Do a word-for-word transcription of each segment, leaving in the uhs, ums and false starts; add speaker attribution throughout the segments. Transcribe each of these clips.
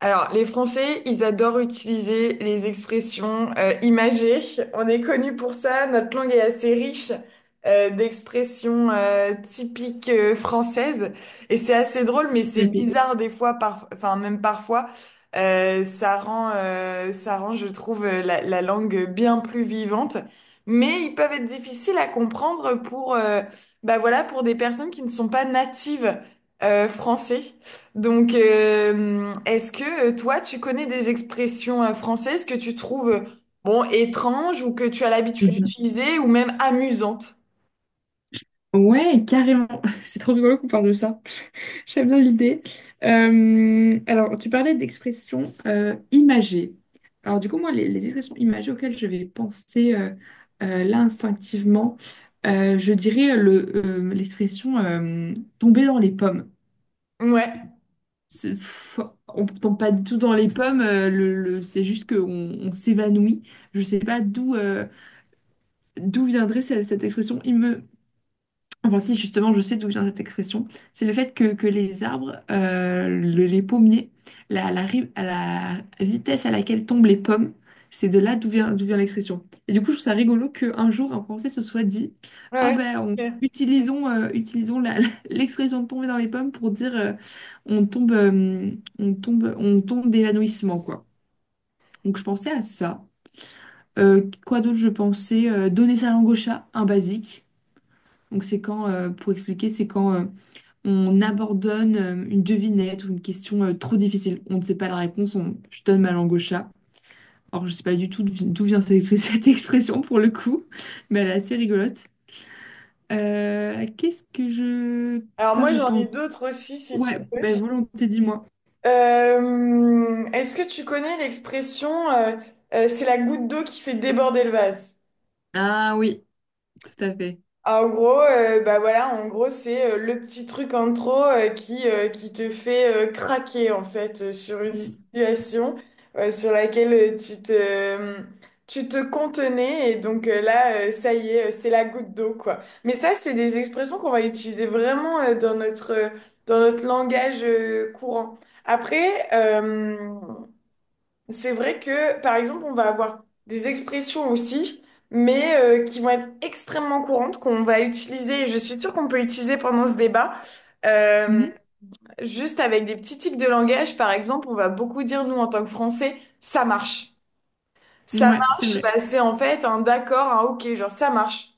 Speaker 1: Alors, les Français, ils adorent utiliser les expressions euh, imagées. On est connu pour ça. Notre langue est assez riche euh, d'expressions euh, typiques euh, françaises. Et c'est assez drôle, mais c'est
Speaker 2: Bébé.
Speaker 1: bizarre des fois, par... enfin même parfois. Euh, ça rend, euh, ça rend, je trouve, euh, la, la langue bien plus vivante. Mais ils peuvent être difficiles à comprendre pour, euh, bah voilà, pour des personnes qui ne sont pas natives euh, français. Donc, euh, est-ce que euh, toi, tu connais des expressions euh, françaises que tu trouves, euh, bon, étranges ou que tu as l'habitude
Speaker 2: Mhm.
Speaker 1: d'utiliser ou même amusantes?
Speaker 2: Ouais, carrément. C'est trop rigolo qu'on parle de ça. J'aime bien l'idée. Euh, alors, tu parlais d'expressions euh, imagées. Alors, du coup, moi, les, les expressions imagées auxquelles je vais penser euh, euh, là instinctivement, euh, je dirais le, euh, l'expression euh, tomber dans les pommes.
Speaker 1: Ouais,
Speaker 2: C'est- pff, on ne tombe pas du tout dans les pommes, euh, le, le- c'est juste qu'on on s'évanouit. Je ne sais pas d'où euh, d'où viendrait cette, cette expression. Enfin, si, justement, je sais d'où vient cette expression. C'est le fait que, que les arbres, euh, le- les pommiers, la, la, ri- à la vitesse à laquelle tombent les pommes, c'est de là d'où vient, d'où vient l'expression. Et du coup, je trouve ça rigolo qu'un jour, un Français se soit dit, Ah
Speaker 1: ouais. C'est
Speaker 2: ben, on-
Speaker 1: clair.
Speaker 2: utilisons, euh, utilisons la- la- l'expression de tomber dans les pommes pour dire euh, on tombe, euh, on tombe, on tombe d'évanouissement, quoi. Donc, je pensais à ça. Euh, quoi d'autre, je pensais euh, donner sa langue au chat, un basique. Donc, c'est quand, euh, pour expliquer, c'est quand. euh, on abandonne euh, une devinette ou une question euh, trop difficile. On ne sait pas la réponse, on... je donne ma langue au chat. Alors, je ne sais pas du tout d'où vi- d'où vient cette, cette expression pour le coup, mais elle est assez rigolote. Euh, qu'est-ce que je...
Speaker 1: Alors
Speaker 2: Quoi
Speaker 1: moi,
Speaker 2: je
Speaker 1: j'en
Speaker 2: pense?
Speaker 1: ai d'autres aussi, si tu
Speaker 2: Ouais,
Speaker 1: veux.
Speaker 2: ben volonté, dis-moi.
Speaker 1: Euh, est-ce que tu connais l'expression, euh, euh, c'est la goutte d'eau qui fait déborder le vase?
Speaker 2: Ah oui, tout à fait.
Speaker 1: Ah, en gros, euh, bah voilà, en gros, c'est euh, le petit truc en trop euh, qui, euh, qui te fait euh, craquer en fait euh, sur une
Speaker 2: Mm.
Speaker 1: situation euh, sur laquelle euh, tu te, euh, tu te contenais et donc euh, là, euh, ça y est, euh, c'est la goutte d'eau quoi. Mais ça, c'est des expressions qu'on va utiliser vraiment euh, dans notre, euh, dans notre langage euh, courant. Après, euh, c'est vrai que, par exemple, on va avoir des expressions aussi, mais euh, qui vont être extrêmement courantes, qu'on va utiliser, et je suis sûre qu'on peut utiliser pendant ce débat, euh,
Speaker 2: Mhm.
Speaker 1: juste avec des petits tics de langage. Par exemple, on va beaucoup dire, nous, en tant que Français, ça marche. Ça
Speaker 2: Ouais, c'est
Speaker 1: marche,
Speaker 2: vrai.
Speaker 1: bah, c'est en fait un d'accord, un ok, genre ça marche.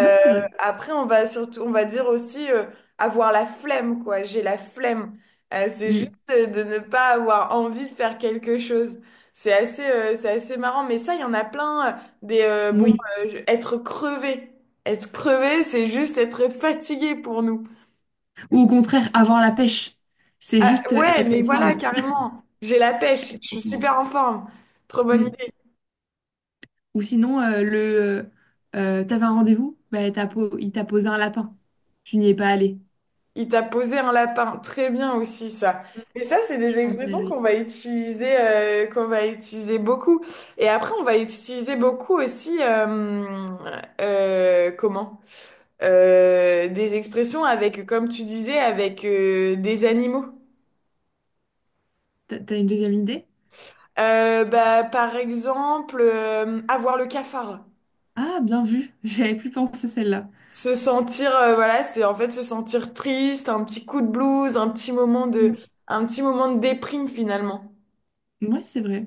Speaker 2: Moi, c'est vrai.
Speaker 1: après, on va surtout, on va dire aussi euh, avoir la flemme, quoi. J'ai la flemme. Euh, c'est juste
Speaker 2: Mm.
Speaker 1: euh, de ne pas avoir envie de faire quelque chose. C'est assez, euh, c'est assez marrant. Mais ça, il y en a plein. Euh, des euh, Bon,
Speaker 2: Oui.
Speaker 1: euh, je- être crevé. Être crevé, c'est juste être fatigué pour nous.
Speaker 2: Ou au contraire, avoir la pêche. C'est
Speaker 1: Ah,
Speaker 2: juste euh,
Speaker 1: ouais,
Speaker 2: être
Speaker 1: mais
Speaker 2: en
Speaker 1: voilà, carrément. J'ai la pêche. Je suis
Speaker 2: forme.
Speaker 1: super en forme. Trop bonne
Speaker 2: Mm.
Speaker 1: idée.
Speaker 2: Ou sinon, euh, le euh, t'avais un rendez-vous, bah, t'as po- il t'a posé un lapin. Tu n'y es pas allé.
Speaker 1: Il t'a posé un lapin. Très bien aussi, ça. Mais ça, c'est
Speaker 2: Je
Speaker 1: des
Speaker 2: pense que
Speaker 1: expressions qu'on
Speaker 2: c'est-
Speaker 1: va utiliser, euh, qu'on va utiliser beaucoup. Et après, on va utiliser beaucoup aussi, euh, euh, comment? Euh, des expressions avec, comme tu disais, avec euh, des animaux.
Speaker 2: t'as t'as une deuxième idée?
Speaker 1: Euh, bah, par exemple, euh, avoir le cafard.
Speaker 2: Ah, bien vu. J'avais plus pensé celle-là.
Speaker 1: Se sentir, euh, voilà, c'est en fait se sentir triste, un petit coup de blues, un petit moment de, un petit moment de déprime finalement.
Speaker 2: Moi, c'est vrai.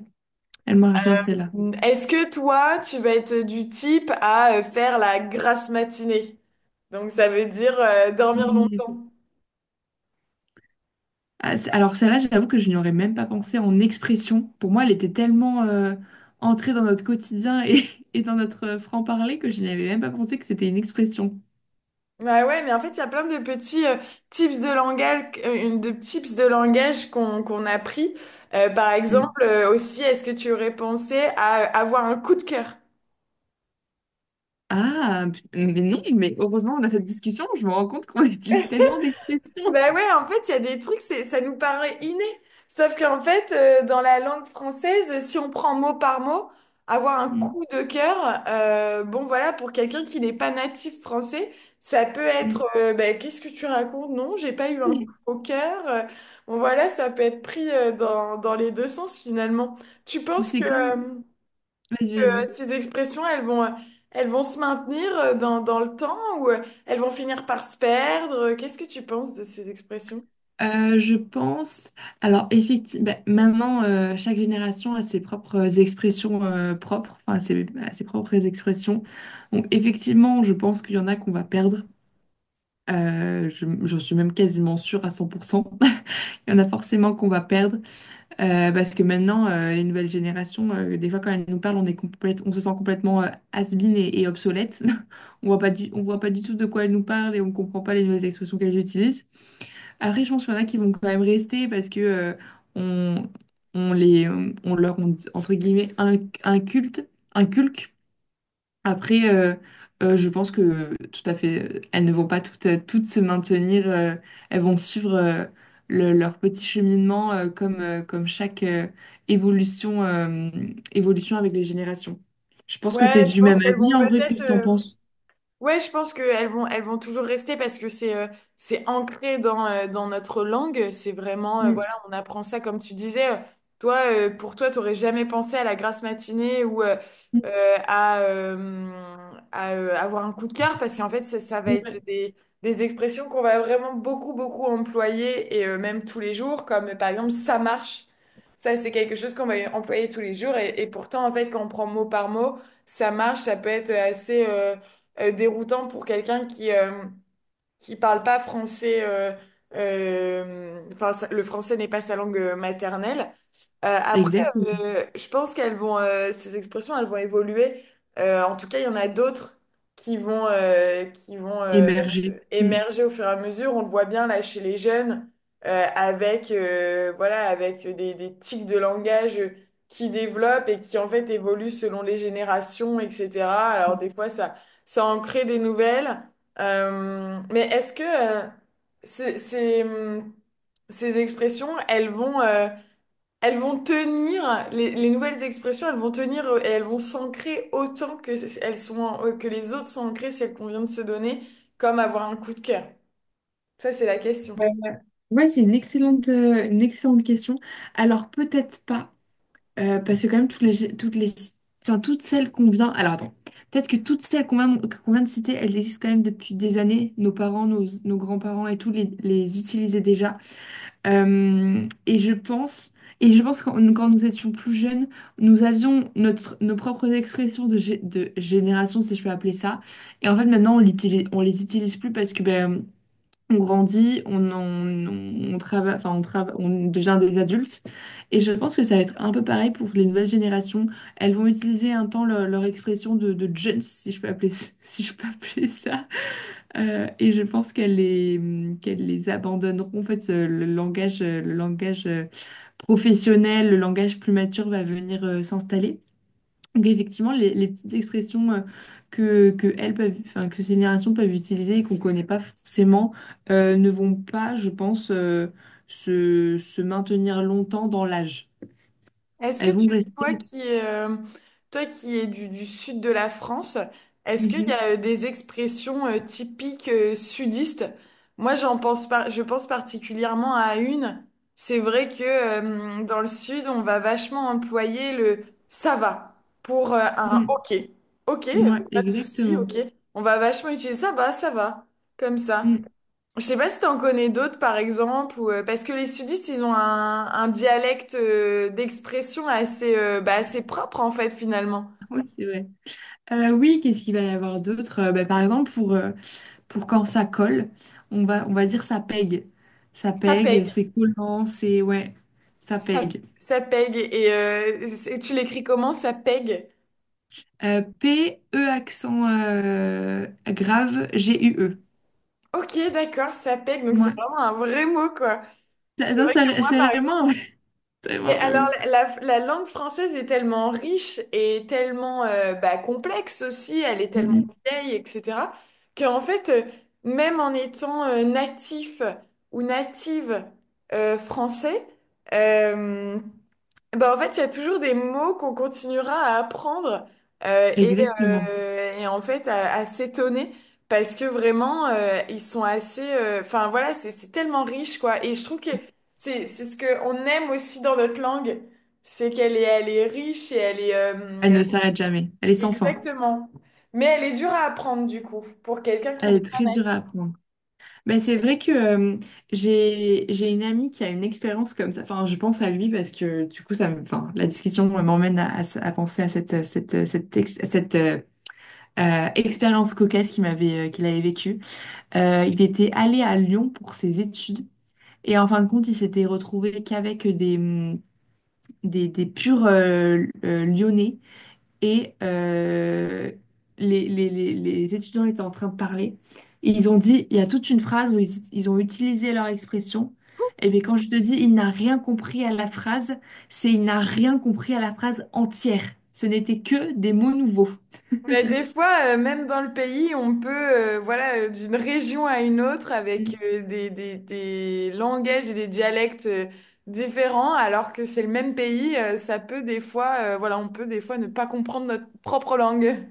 Speaker 2: Elle marche bien, celle-là.
Speaker 1: Est-ce que toi, tu vas être du type à euh, faire la grasse matinée? Donc ça veut dire euh, dormir
Speaker 2: Mm.
Speaker 1: longtemps.
Speaker 2: Ah, c'est- Alors, celle-là, j'avoue que je n'y aurais même pas pensé en expression. Pour moi, elle était tellement euh, entrée dans notre quotidien et, et dans notre euh, franc-parler que je n'y avais même pas pensé que c'était une expression.
Speaker 1: Bah ouais, mais en fait, il y a plein de petits euh, tips de langage, euh, une- de tips de langage qu'on qu'on a pris. Euh, par
Speaker 2: Mm.
Speaker 1: exemple, euh, aussi, est-ce que tu aurais pensé à avoir un coup de cœur?
Speaker 2: Ah, p- mais non, mais heureusement, on a cette discussion. Je me rends compte qu'on utilise tellement d'expressions.
Speaker 1: Bah ouais, en fait, il y a des trucs, c'est, ça nous paraît inné. Sauf qu'en fait, euh, dans la langue française, si on prend mot par mot, avoir un
Speaker 2: Mm,
Speaker 1: coup de cœur, euh, bon voilà, pour quelqu'un qui n'est pas natif français, ça peut
Speaker 2: mm.
Speaker 1: être, euh, bah, qu'est-ce que tu racontes? Non, j'ai pas eu un coup au cœur. Euh, Bon voilà, ça peut être pris euh, dans, dans les deux sens finalement. Tu
Speaker 2: Ou
Speaker 1: penses que,
Speaker 2: c'est comme...
Speaker 1: euh,
Speaker 2: Vas-y,
Speaker 1: que
Speaker 2: vas-y.
Speaker 1: ces expressions, elles vont, euh, elles vont se maintenir euh, dans, dans le temps ou euh, elles vont finir par se perdre? Qu'est-ce que tu penses de ces expressions?
Speaker 2: Euh, je pense... Alors, effectivement, maintenant, euh, chaque génération a ses propres expressions euh, propres, enfin, ses, a ses propres expressions. Donc, effectivement, je pense qu'il y en a qu'on va perdre. Euh, je- j'en suis même quasiment sûre à cent pour cent. Il y en a forcément qu'on va perdre. Euh, parce que maintenant, euh, les nouvelles générations, euh, des fois quand elles nous parlent, on est complète, on se sent complètement euh, has-been et, et obsolète. On voit pas du, on voit pas du tout de quoi elles nous parlent et on comprend pas les nouvelles expressions qu'elles utilisent. Après, je pense qu'il y en a qui vont quand même rester parce que euh, on, on les, on leur, on- entre guillemets, inc- inculte, inculque après, euh, euh, je pense que tout à fait, euh, elles ne vont pas toutes, euh, toutes se maintenir, euh, elles vont suivre euh, le- leur petit cheminement euh, comme, euh, comme chaque euh, évolution, euh, évolution avec les générations. Je pense que
Speaker 1: Ouais,
Speaker 2: tu es
Speaker 1: je
Speaker 2: du
Speaker 1: pense
Speaker 2: même
Speaker 1: qu'elles
Speaker 2: avis
Speaker 1: vont
Speaker 2: en vrai,
Speaker 1: peut-être,
Speaker 2: qu'est-ce que tu en
Speaker 1: euh,
Speaker 2: penses?
Speaker 1: Ouais, je pense qu'elles vont, elles vont toujours rester parce que c'est euh, c'est ancré dans, euh, dans notre langue. C'est vraiment, euh,
Speaker 2: Mm,
Speaker 1: voilà, on apprend ça comme tu disais. Euh, toi, euh, pour toi, t'aurais jamais pensé à la grasse matinée ou euh,
Speaker 2: mm.
Speaker 1: euh, à, euh, à, euh, avoir un coup de cœur parce qu'en fait, ça, ça va être
Speaker 2: Ouais.
Speaker 1: des, des expressions qu'on va vraiment beaucoup, beaucoup employer et euh, même tous les jours, comme euh, par exemple ça marche. Ça, c'est quelque chose qu'on va employer tous les jours et, et pourtant, en fait, quand on prend mot par mot, ça marche, ça peut être assez. Euh, euh, déroutant pour quelqu'un qui euh, qui parle pas français. Euh, euh, enfin, ça- le français n'est pas sa langue euh, maternelle. Euh, après,
Speaker 2: Exactement.
Speaker 1: euh, je pense qu'elles vont, euh, ces expressions, elles vont évoluer. Euh, en tout cas, il y en a d'autres qui vont, euh, qui vont euh,
Speaker 2: Émerger. Mm.
Speaker 1: émerger au fur et à mesure. On le voit bien là chez les jeunes, euh, avec, euh, voilà, avec des, des tics de langage qui développent et qui en fait évoluent selon les générations, et cetera. Alors des fois, ça, ça en crée des nouvelles. Euh, mais est-ce que euh, c'est, c'est, hum, ces expressions, elles vont, euh, elles vont tenir, les, les nouvelles expressions, elles vont tenir euh, et elles vont s'ancrer autant que, c- elles sont, en- euh, que les autres sont ancrées, celles qu'on vient de se donner, comme avoir un coup de cœur. Ça, c'est la question.
Speaker 2: Ouais. Ouais, c'est une excellente, euh, une excellente question. Alors peut-être pas. Euh, parce que quand même, toutes les, toutes les, enfin, toutes celles qu'on vient... Alors attends, peut-être que toutes celles qu'on vient, qu'on vient de citer, elles existent quand même depuis des années. Nos parents, nos, nos grands-parents et tout les, les utilisaient déjà. Euh, et je pense, et je pense que quand quand nous étions plus jeunes, nous avions notre, nos propres expressions de, gé- de génération, si je peux appeler ça. Et en fait, maintenant, on l'utilise, on les utilise plus parce que ben, on grandit, on, on, on, on trava- enfin, on, trava- on devient des adultes. Et je pense que ça va être un peu pareil pour les nouvelles générations. Elles vont utiliser un temps leur, leur expression de, de jeunes, si je peux appeler, ça- si je peux appeler ça. Euh, et je pense qu'elles les, qu'elles les abandonneront. En fait, ce- le langage, le langage euh, professionnel, le langage plus mature va venir euh, s'installer. Donc effectivement, les, les petites expressions euh, que, que elles peuvent, enfin, que ces générations peuvent utiliser et qu'on ne connaît pas forcément euh, ne vont pas, je pense, euh, se, se maintenir longtemps dans l'âge.
Speaker 1: Est-ce que
Speaker 2: Elles
Speaker 1: tu,
Speaker 2: vont
Speaker 1: Toi
Speaker 2: rester.
Speaker 1: qui, euh, toi qui es du, du sud de la France, est-ce qu'il y
Speaker 2: Mhm.
Speaker 1: a euh, des expressions euh, typiques euh, sudistes? Moi, j'en pense par- je pense particulièrement à une. C'est vrai que euh, dans le sud, on va vachement employer le ça va pour euh, un ok. Ok,
Speaker 2: Mm.
Speaker 1: euh,
Speaker 2: Ouais,
Speaker 1: pas de souci,
Speaker 2: exactement.
Speaker 1: ok. On va vachement utiliser ça va, ça va, comme ça.
Speaker 2: Mm.
Speaker 1: Je sais pas si t'en connais d'autres, par exemple, ou, euh, parce que les sudistes, ils ont un, un dialecte euh, d'expression assez, euh, bah, assez propre, en fait, finalement.
Speaker 2: Oui, c'est vrai. Euh, oui, qu'est-ce qu'il va y avoir d'autre? Euh, bah, par exemple, pour, euh, pour quand ça colle, on va, on va dire ça pègue. Ça
Speaker 1: Ça
Speaker 2: pègue,
Speaker 1: pègue.
Speaker 2: c'est collant, c'est... Ouais, ça
Speaker 1: Ça,
Speaker 2: pègue.
Speaker 1: ça pègue. Et euh, c'est- tu l'écris comment? Ça pègue.
Speaker 2: Euh, P, E accent euh, grave, G, U, E.
Speaker 1: Ok, d'accord, ça pègue. Donc, c'est
Speaker 2: Ouais.
Speaker 1: vraiment un vrai mot, quoi.
Speaker 2: Ça-
Speaker 1: C'est
Speaker 2: non,
Speaker 1: vrai que
Speaker 2: ça-
Speaker 1: moi,
Speaker 2: c'est
Speaker 1: par
Speaker 2: vraiment,
Speaker 1: exemple,
Speaker 2: ouais. C'est
Speaker 1: mais
Speaker 2: vraiment,
Speaker 1: alors,
Speaker 2: vraiment.
Speaker 1: la, la langue française est tellement riche et tellement euh, bah, complexe aussi, elle est
Speaker 2: Mm,
Speaker 1: tellement
Speaker 2: mm.
Speaker 1: vieille, et cetera, qu'en fait, euh, même en étant euh, natif ou native euh, français, euh, bah, en fait, il y a toujours des mots qu'on continuera à apprendre euh, et,
Speaker 2: Exactement.
Speaker 1: euh, et en fait à, à s'étonner parce que vraiment euh, ils sont assez. euh, Enfin voilà, c'est c'est tellement riche quoi. Et je trouve que c'est c'est ce que on aime aussi dans notre langue, c'est qu'elle est elle est riche et elle est euh,
Speaker 2: Elle ne s'arrête jamais. Elle est sans fin.
Speaker 1: exactement. Mais elle est dure à apprendre du coup pour quelqu'un qui
Speaker 2: Elle
Speaker 1: n'est
Speaker 2: est
Speaker 1: pas
Speaker 2: très dure
Speaker 1: natif.
Speaker 2: à apprendre. Ben, c'est vrai que euh, j'ai j'ai une amie qui a une expérience comme ça. Enfin, je pense à lui parce que du coup, ça me, enfin, la discussion m'emmène à, à- à penser à cette, cette, cette, ex- cette, euh, euh, expérience cocasse qu'il m'avait, euh, qu'il avait vécue. Euh, il était allé à Lyon pour ses études. Et en fin de compte, il s'était retrouvé qu'avec des, hum, des, des purs euh, euh, lyonnais. Et euh, les, les, les, les étudiants étaient en train de parler. Et ils ont dit, il y a toute une phrase où ils, ils ont utilisé leur expression. Et bien quand je te dis, il n'a rien compris à la phrase, c'est il n'a rien compris à la phrase entière. Ce n'était que des mots nouveaux.
Speaker 1: Mais des fois, euh, même dans le pays, on peut, euh, voilà, euh, d'une région à une autre avec euh, des, des, des langages et des dialectes euh, différents, alors que c'est le même pays, euh, ça peut des fois, euh, voilà, on peut des fois ne pas comprendre notre propre langue.